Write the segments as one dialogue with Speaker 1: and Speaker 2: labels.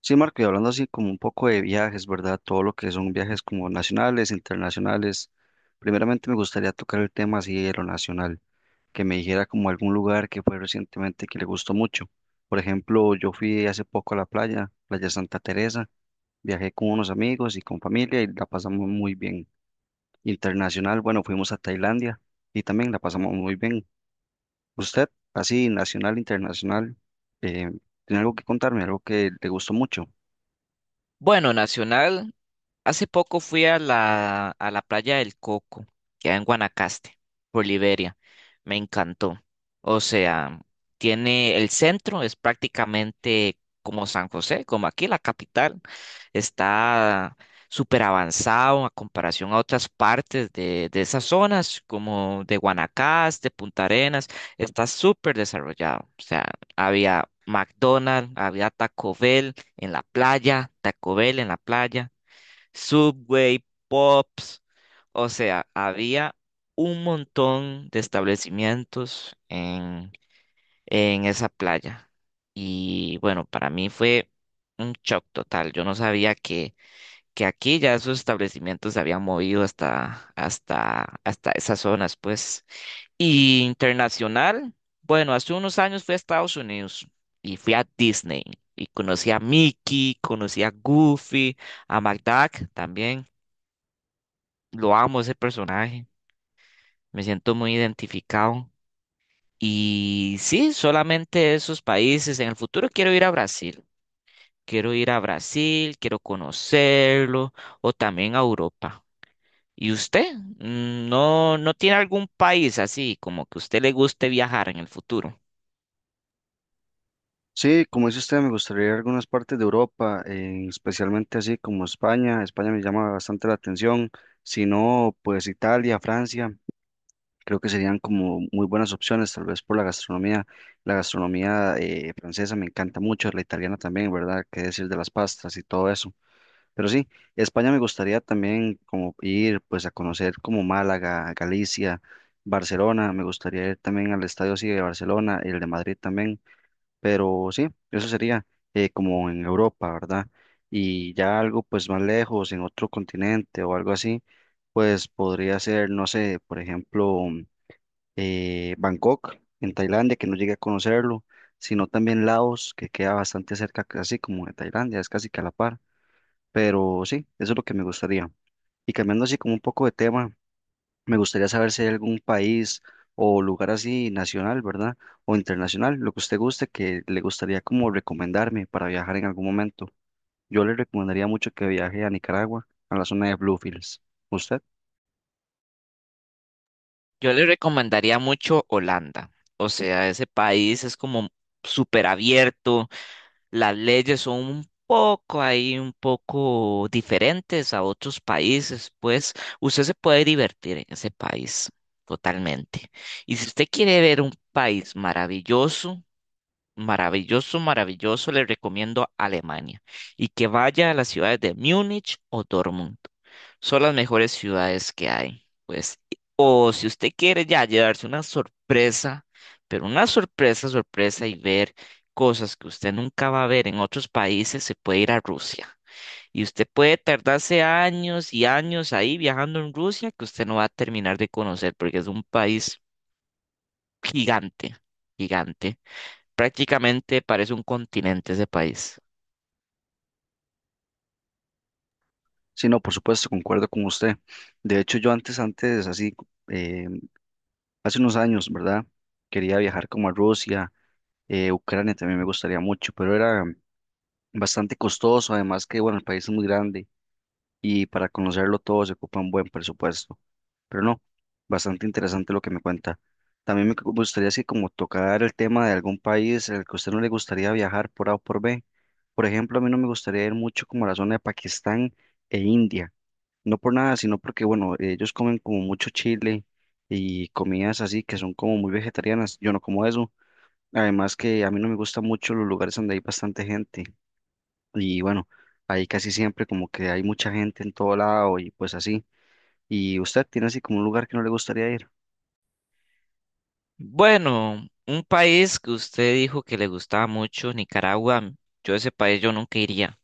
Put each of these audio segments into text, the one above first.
Speaker 1: Sí, Marco, y hablando así como un poco de viajes, ¿verdad? Todo lo que son viajes como nacionales, internacionales. Primeramente me gustaría tocar el tema así de lo nacional, que me dijera como algún lugar que fue recientemente que le gustó mucho. Por ejemplo, yo fui hace poco a la playa, Playa Santa Teresa, viajé con unos amigos y con familia y la pasamos muy bien. Internacional, bueno, fuimos a Tailandia y también la pasamos muy bien. ¿Usted, así nacional, internacional, eh, tiene algo que contarme, algo que le gustó mucho?
Speaker 2: Bueno, nacional, hace poco fui a la playa del Coco, que hay en Guanacaste, por Liberia. Me encantó. O sea, tiene el centro, es prácticamente como San José, como aquí la capital. Está súper avanzado a comparación a otras partes de esas zonas, como de Guanacaste, Punta Arenas. Está súper desarrollado. O sea, había McDonald's, había Taco Bell en la playa, Taco Bell en la playa. Subway, Pops, o sea, había un montón de establecimientos en esa playa. Y bueno, para mí fue un shock total. Yo no sabía que aquí ya esos establecimientos se habían movido hasta esas zonas, pues. Y internacional, bueno, hace unos años fui a Estados Unidos y fui a Disney. Y conocí a Mickey, conocí a Goofy, a McDuck también. Lo amo ese personaje, me siento muy identificado. Y sí, solamente esos países. En el futuro quiero ir a Brasil. Quiero ir a Brasil, quiero conocerlo, o también a Europa. ¿Y usted? Mm, ¿no tiene algún país así como que a usted le guste viajar en el futuro?
Speaker 1: Sí, como dice usted, me gustaría ir a algunas partes de Europa, especialmente así como España. España me llama bastante la atención. Si no, pues Italia, Francia, creo que serían como muy buenas opciones, tal vez por la gastronomía. La gastronomía francesa me encanta mucho, la italiana también, ¿verdad? Qué decir de las pastas y todo eso. Pero sí, España me gustaría también como ir pues a conocer como Málaga, Galicia, Barcelona. Me gustaría ir también al estadio así de Barcelona, el de Madrid también. Pero sí, eso sería como en Europa, ¿verdad? Y ya algo pues más lejos, en otro continente o algo así, pues podría ser, no sé, por ejemplo, Bangkok, en Tailandia, que no llegué a conocerlo, sino también Laos, que queda bastante cerca, así como de Tailandia, es casi que a la par. Pero sí, eso es lo que me gustaría. Y cambiando así como un poco de tema. Me gustaría saber si hay algún país o lugar así nacional, ¿verdad? O internacional, lo que usted guste, que le gustaría como recomendarme para viajar en algún momento. Yo le recomendaría mucho que viaje a Nicaragua, a la zona de Bluefields. ¿Usted?
Speaker 2: Yo le recomendaría mucho Holanda. O sea, ese país es como súper abierto. Las leyes son un poco ahí, un poco diferentes a otros países, pues usted se puede divertir en ese país totalmente. Y si usted quiere ver un país maravilloso, maravilloso, maravilloso, le recomiendo Alemania y que vaya a las ciudades de Múnich o Dortmund. Son las mejores ciudades que hay. Pues, o si usted quiere ya llevarse una sorpresa, pero una sorpresa, sorpresa, y ver cosas que usted nunca va a ver en otros países, se puede ir a Rusia. Y usted puede tardarse años y años ahí viajando en Rusia que usted no va a terminar de conocer porque es un país gigante, gigante. Prácticamente parece un continente ese país.
Speaker 1: Sí, no, por supuesto, concuerdo con usted. De hecho, yo antes, así, eh, hace unos años, ¿verdad? Quería viajar como a Rusia, Ucrania también me gustaría mucho, pero era bastante costoso, además que, bueno, el país es muy grande y para conocerlo todo se ocupa un buen presupuesto. Pero no, bastante interesante lo que me cuenta. También gustaría así como tocar el tema de algún país al que a usted no le gustaría viajar por A o por B. Por ejemplo, a mí no me gustaría ir mucho como a la zona de Pakistán e India. No por nada, sino porque, bueno, ellos comen como mucho chile y comidas así que son como muy vegetarianas. Yo no como eso. Además que a mí no me gustan mucho los lugares donde hay bastante gente. Y bueno, ahí casi siempre como que hay mucha gente en todo lado y pues así. ¿Y usted tiene así como un lugar que no le gustaría ir?
Speaker 2: Bueno, un país que usted dijo que le gustaba mucho, Nicaragua. Yo ese país yo nunca iría.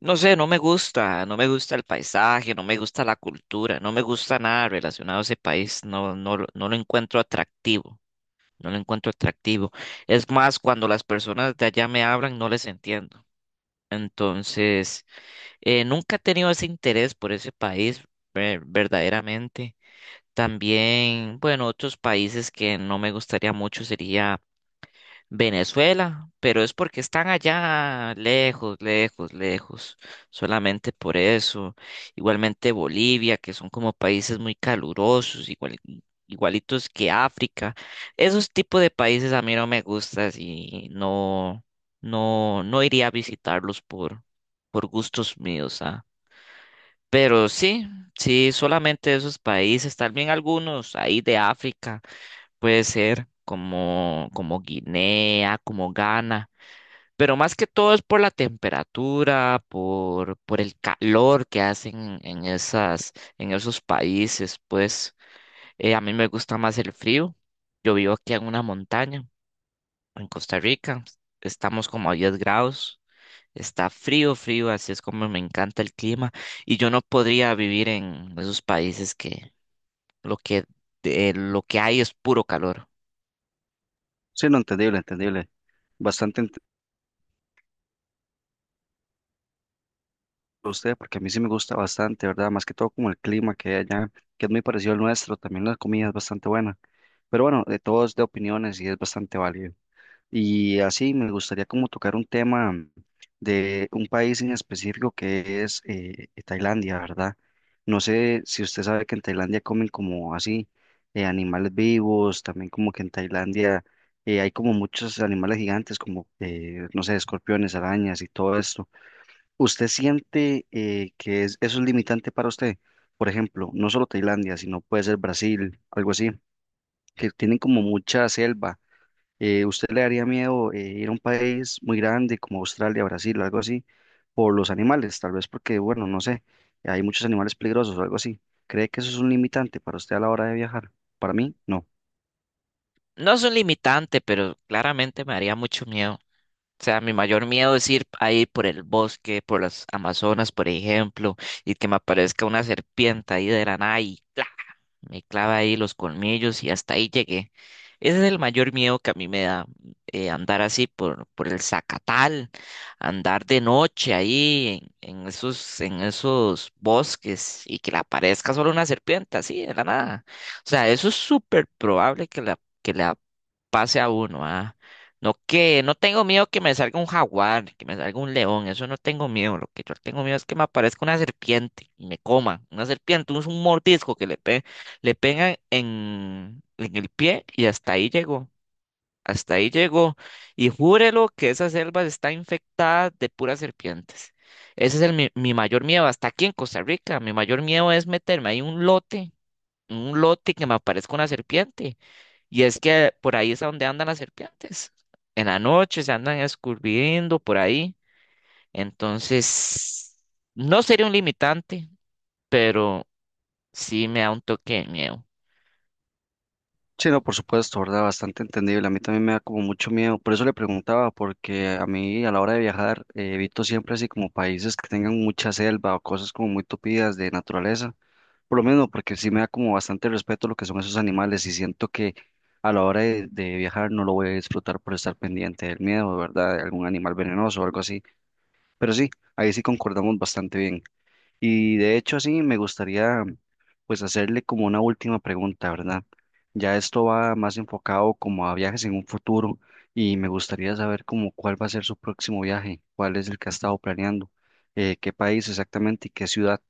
Speaker 2: No sé, no me gusta, no me gusta el paisaje, no me gusta la cultura, no me gusta nada relacionado a ese país, no, no, no lo encuentro atractivo, no lo encuentro atractivo. Es más, cuando las personas de allá me hablan, no les entiendo. Entonces, nunca he tenido ese interés por ese país, verdaderamente. También, bueno, otros países que no me gustaría mucho sería Venezuela, pero es porque están allá lejos, lejos, lejos, solamente por eso. Igualmente Bolivia, que son como países muy calurosos, igual, igualitos que África. Esos tipos de países a mí no me gustan y no, no, no iría a visitarlos por gustos míos, ¿ah? Pero sí, sí, solamente esos países, tal vez algunos ahí de África, puede ser como, como Guinea, como Ghana, pero más que todo es por la temperatura, por el calor que hacen en esas, en esos países, pues a mí me gusta más el frío. Yo vivo aquí en una montaña, en Costa Rica, estamos como a 10 grados. Está frío, frío, así es como me encanta el clima y yo no podría vivir en esos países que lo que, lo que hay es puro calor.
Speaker 1: Sí, no, entendible, entendible. Bastante ent- Usted, porque a mí sí me gusta bastante, ¿verdad? Más que todo como el clima que hay allá, que es muy parecido al nuestro, también la comida es bastante buena. Pero bueno, de todos de opiniones y es bastante válido. Y así me gustaría como tocar un tema de un país en específico que es Tailandia, ¿verdad? No sé si usted sabe que en Tailandia comen como así animales vivos, también como que en Tailandia hay como muchos animales gigantes como, no sé, escorpiones, arañas y todo esto. ¿Usted siente que eso es limitante para usted? Por ejemplo, no solo Tailandia, sino puede ser Brasil, algo así, que tienen como mucha selva. ¿Usted le daría miedo ir a un país muy grande como Australia, Brasil, algo así, por los animales? Tal vez porque, bueno, no sé, hay muchos animales peligrosos o algo así. ¿Cree que eso es un limitante para usted a la hora de viajar? Para mí, no.
Speaker 2: No es un limitante, pero claramente me haría mucho miedo. O sea, mi mayor miedo es ir ahí por el bosque, por las Amazonas, por ejemplo, y que me aparezca una serpiente ahí de la nada y me clava ahí los colmillos y hasta ahí llegué. Ese es el mayor miedo que a mí me da, andar así por el Zacatal, andar de noche ahí en esos, en esos bosques y que le aparezca solo una serpiente así de la nada. O sea, eso es súper probable que la pase a uno, ah. No que, no tengo miedo que me salga un jaguar, que me salga un león, eso no tengo miedo. Lo que yo tengo miedo es que me aparezca una serpiente y me coma. Una serpiente, un mordisco que le pegue. Le pegan en el pie y hasta ahí llegó. Hasta ahí llegó. Y júrelo que esa selva está infectada de puras serpientes. Ese es el, mi mayor miedo. Hasta aquí en Costa Rica, mi mayor miedo es meterme ahí en un lote que me aparezca una serpiente. Y es que por ahí es a donde andan las serpientes. En la noche se andan escurriendo por ahí. Entonces, no sería un limitante, pero sí me da un toque de miedo.
Speaker 1: Sí, no, por supuesto, ¿verdad? Bastante entendible. A mí también me da como mucho miedo. Por eso le preguntaba, porque a mí a la hora de viajar evito siempre así como países que tengan mucha selva o cosas como muy tupidas de naturaleza. Por lo menos porque sí me da como bastante respeto lo que son esos animales y siento que a la hora de viajar no lo voy a disfrutar por estar pendiente del miedo, ¿verdad? De algún animal venenoso o algo así. Pero sí, ahí sí concordamos bastante bien. Y de hecho, sí, me gustaría pues hacerle como una última pregunta, ¿verdad? Ya esto va más enfocado como a viajes en un futuro y me gustaría saber como cuál va a ser su próximo viaje, cuál es el que ha estado planeando, qué país exactamente y qué ciudad.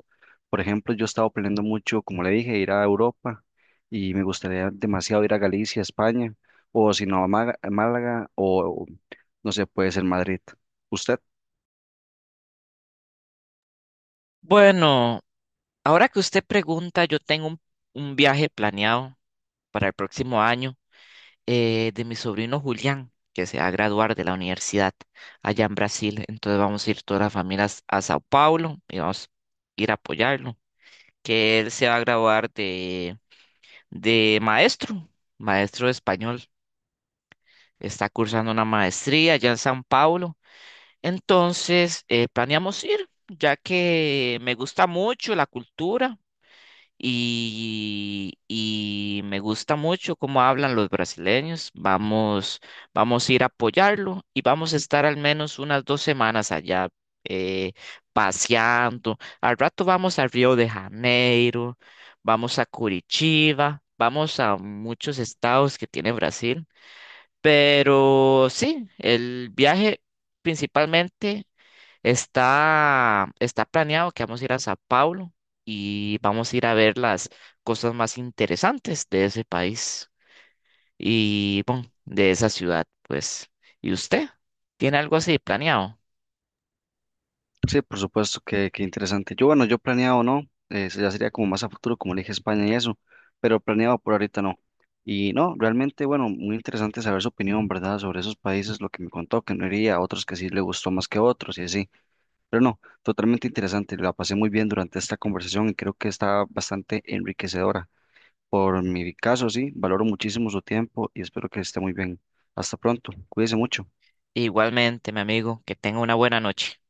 Speaker 1: Por ejemplo, yo he estado planeando mucho, como le dije, ir a Europa y me gustaría demasiado ir a Galicia, España, o si no, a a Málaga o, no sé, puede ser Madrid. ¿Usted?
Speaker 2: Bueno. Ahora que usted pregunta, yo tengo un viaje planeado para el próximo año de mi sobrino Julián, que se va a graduar de la universidad allá en Brasil. Entonces vamos a ir todas las familias a Sao Paulo y vamos a ir a apoyarlo, que él se va a graduar de maestro, maestro de español. Está cursando una maestría allá en Sao Paulo. Entonces planeamos ir, ya que me gusta mucho la cultura. Y me gusta mucho cómo hablan los brasileños. Vamos a ir a apoyarlo y vamos a estar al menos unas 2 semanas allá eh, paseando. Al rato vamos a Río de Janeiro, vamos a Curitiba, vamos a muchos estados que tiene Brasil. Pero sí, el viaje principalmente está planeado que vamos a ir a Sao Paulo y vamos a ir a ver las cosas más interesantes de ese país y bueno, de esa ciudad, pues. ¿Y usted? ¿Tiene algo así planeado?
Speaker 1: Sí, por supuesto, que qué interesante. Yo, bueno, yo planeado no, ya sería como más a futuro, como le dije España y eso, pero planeado por ahorita no. Y no, realmente, bueno, muy interesante saber su opinión, ¿verdad? Sobre esos países, lo que me contó, que no iría, otros que sí le gustó más que otros y así. Pero no, totalmente interesante, la pasé muy bien durante esta conversación y creo que está bastante enriquecedora. Por mi caso, sí, valoro muchísimo su tiempo y espero que esté muy bien. Hasta pronto, cuídese mucho.
Speaker 2: Igualmente, mi amigo, que tenga una buena noche.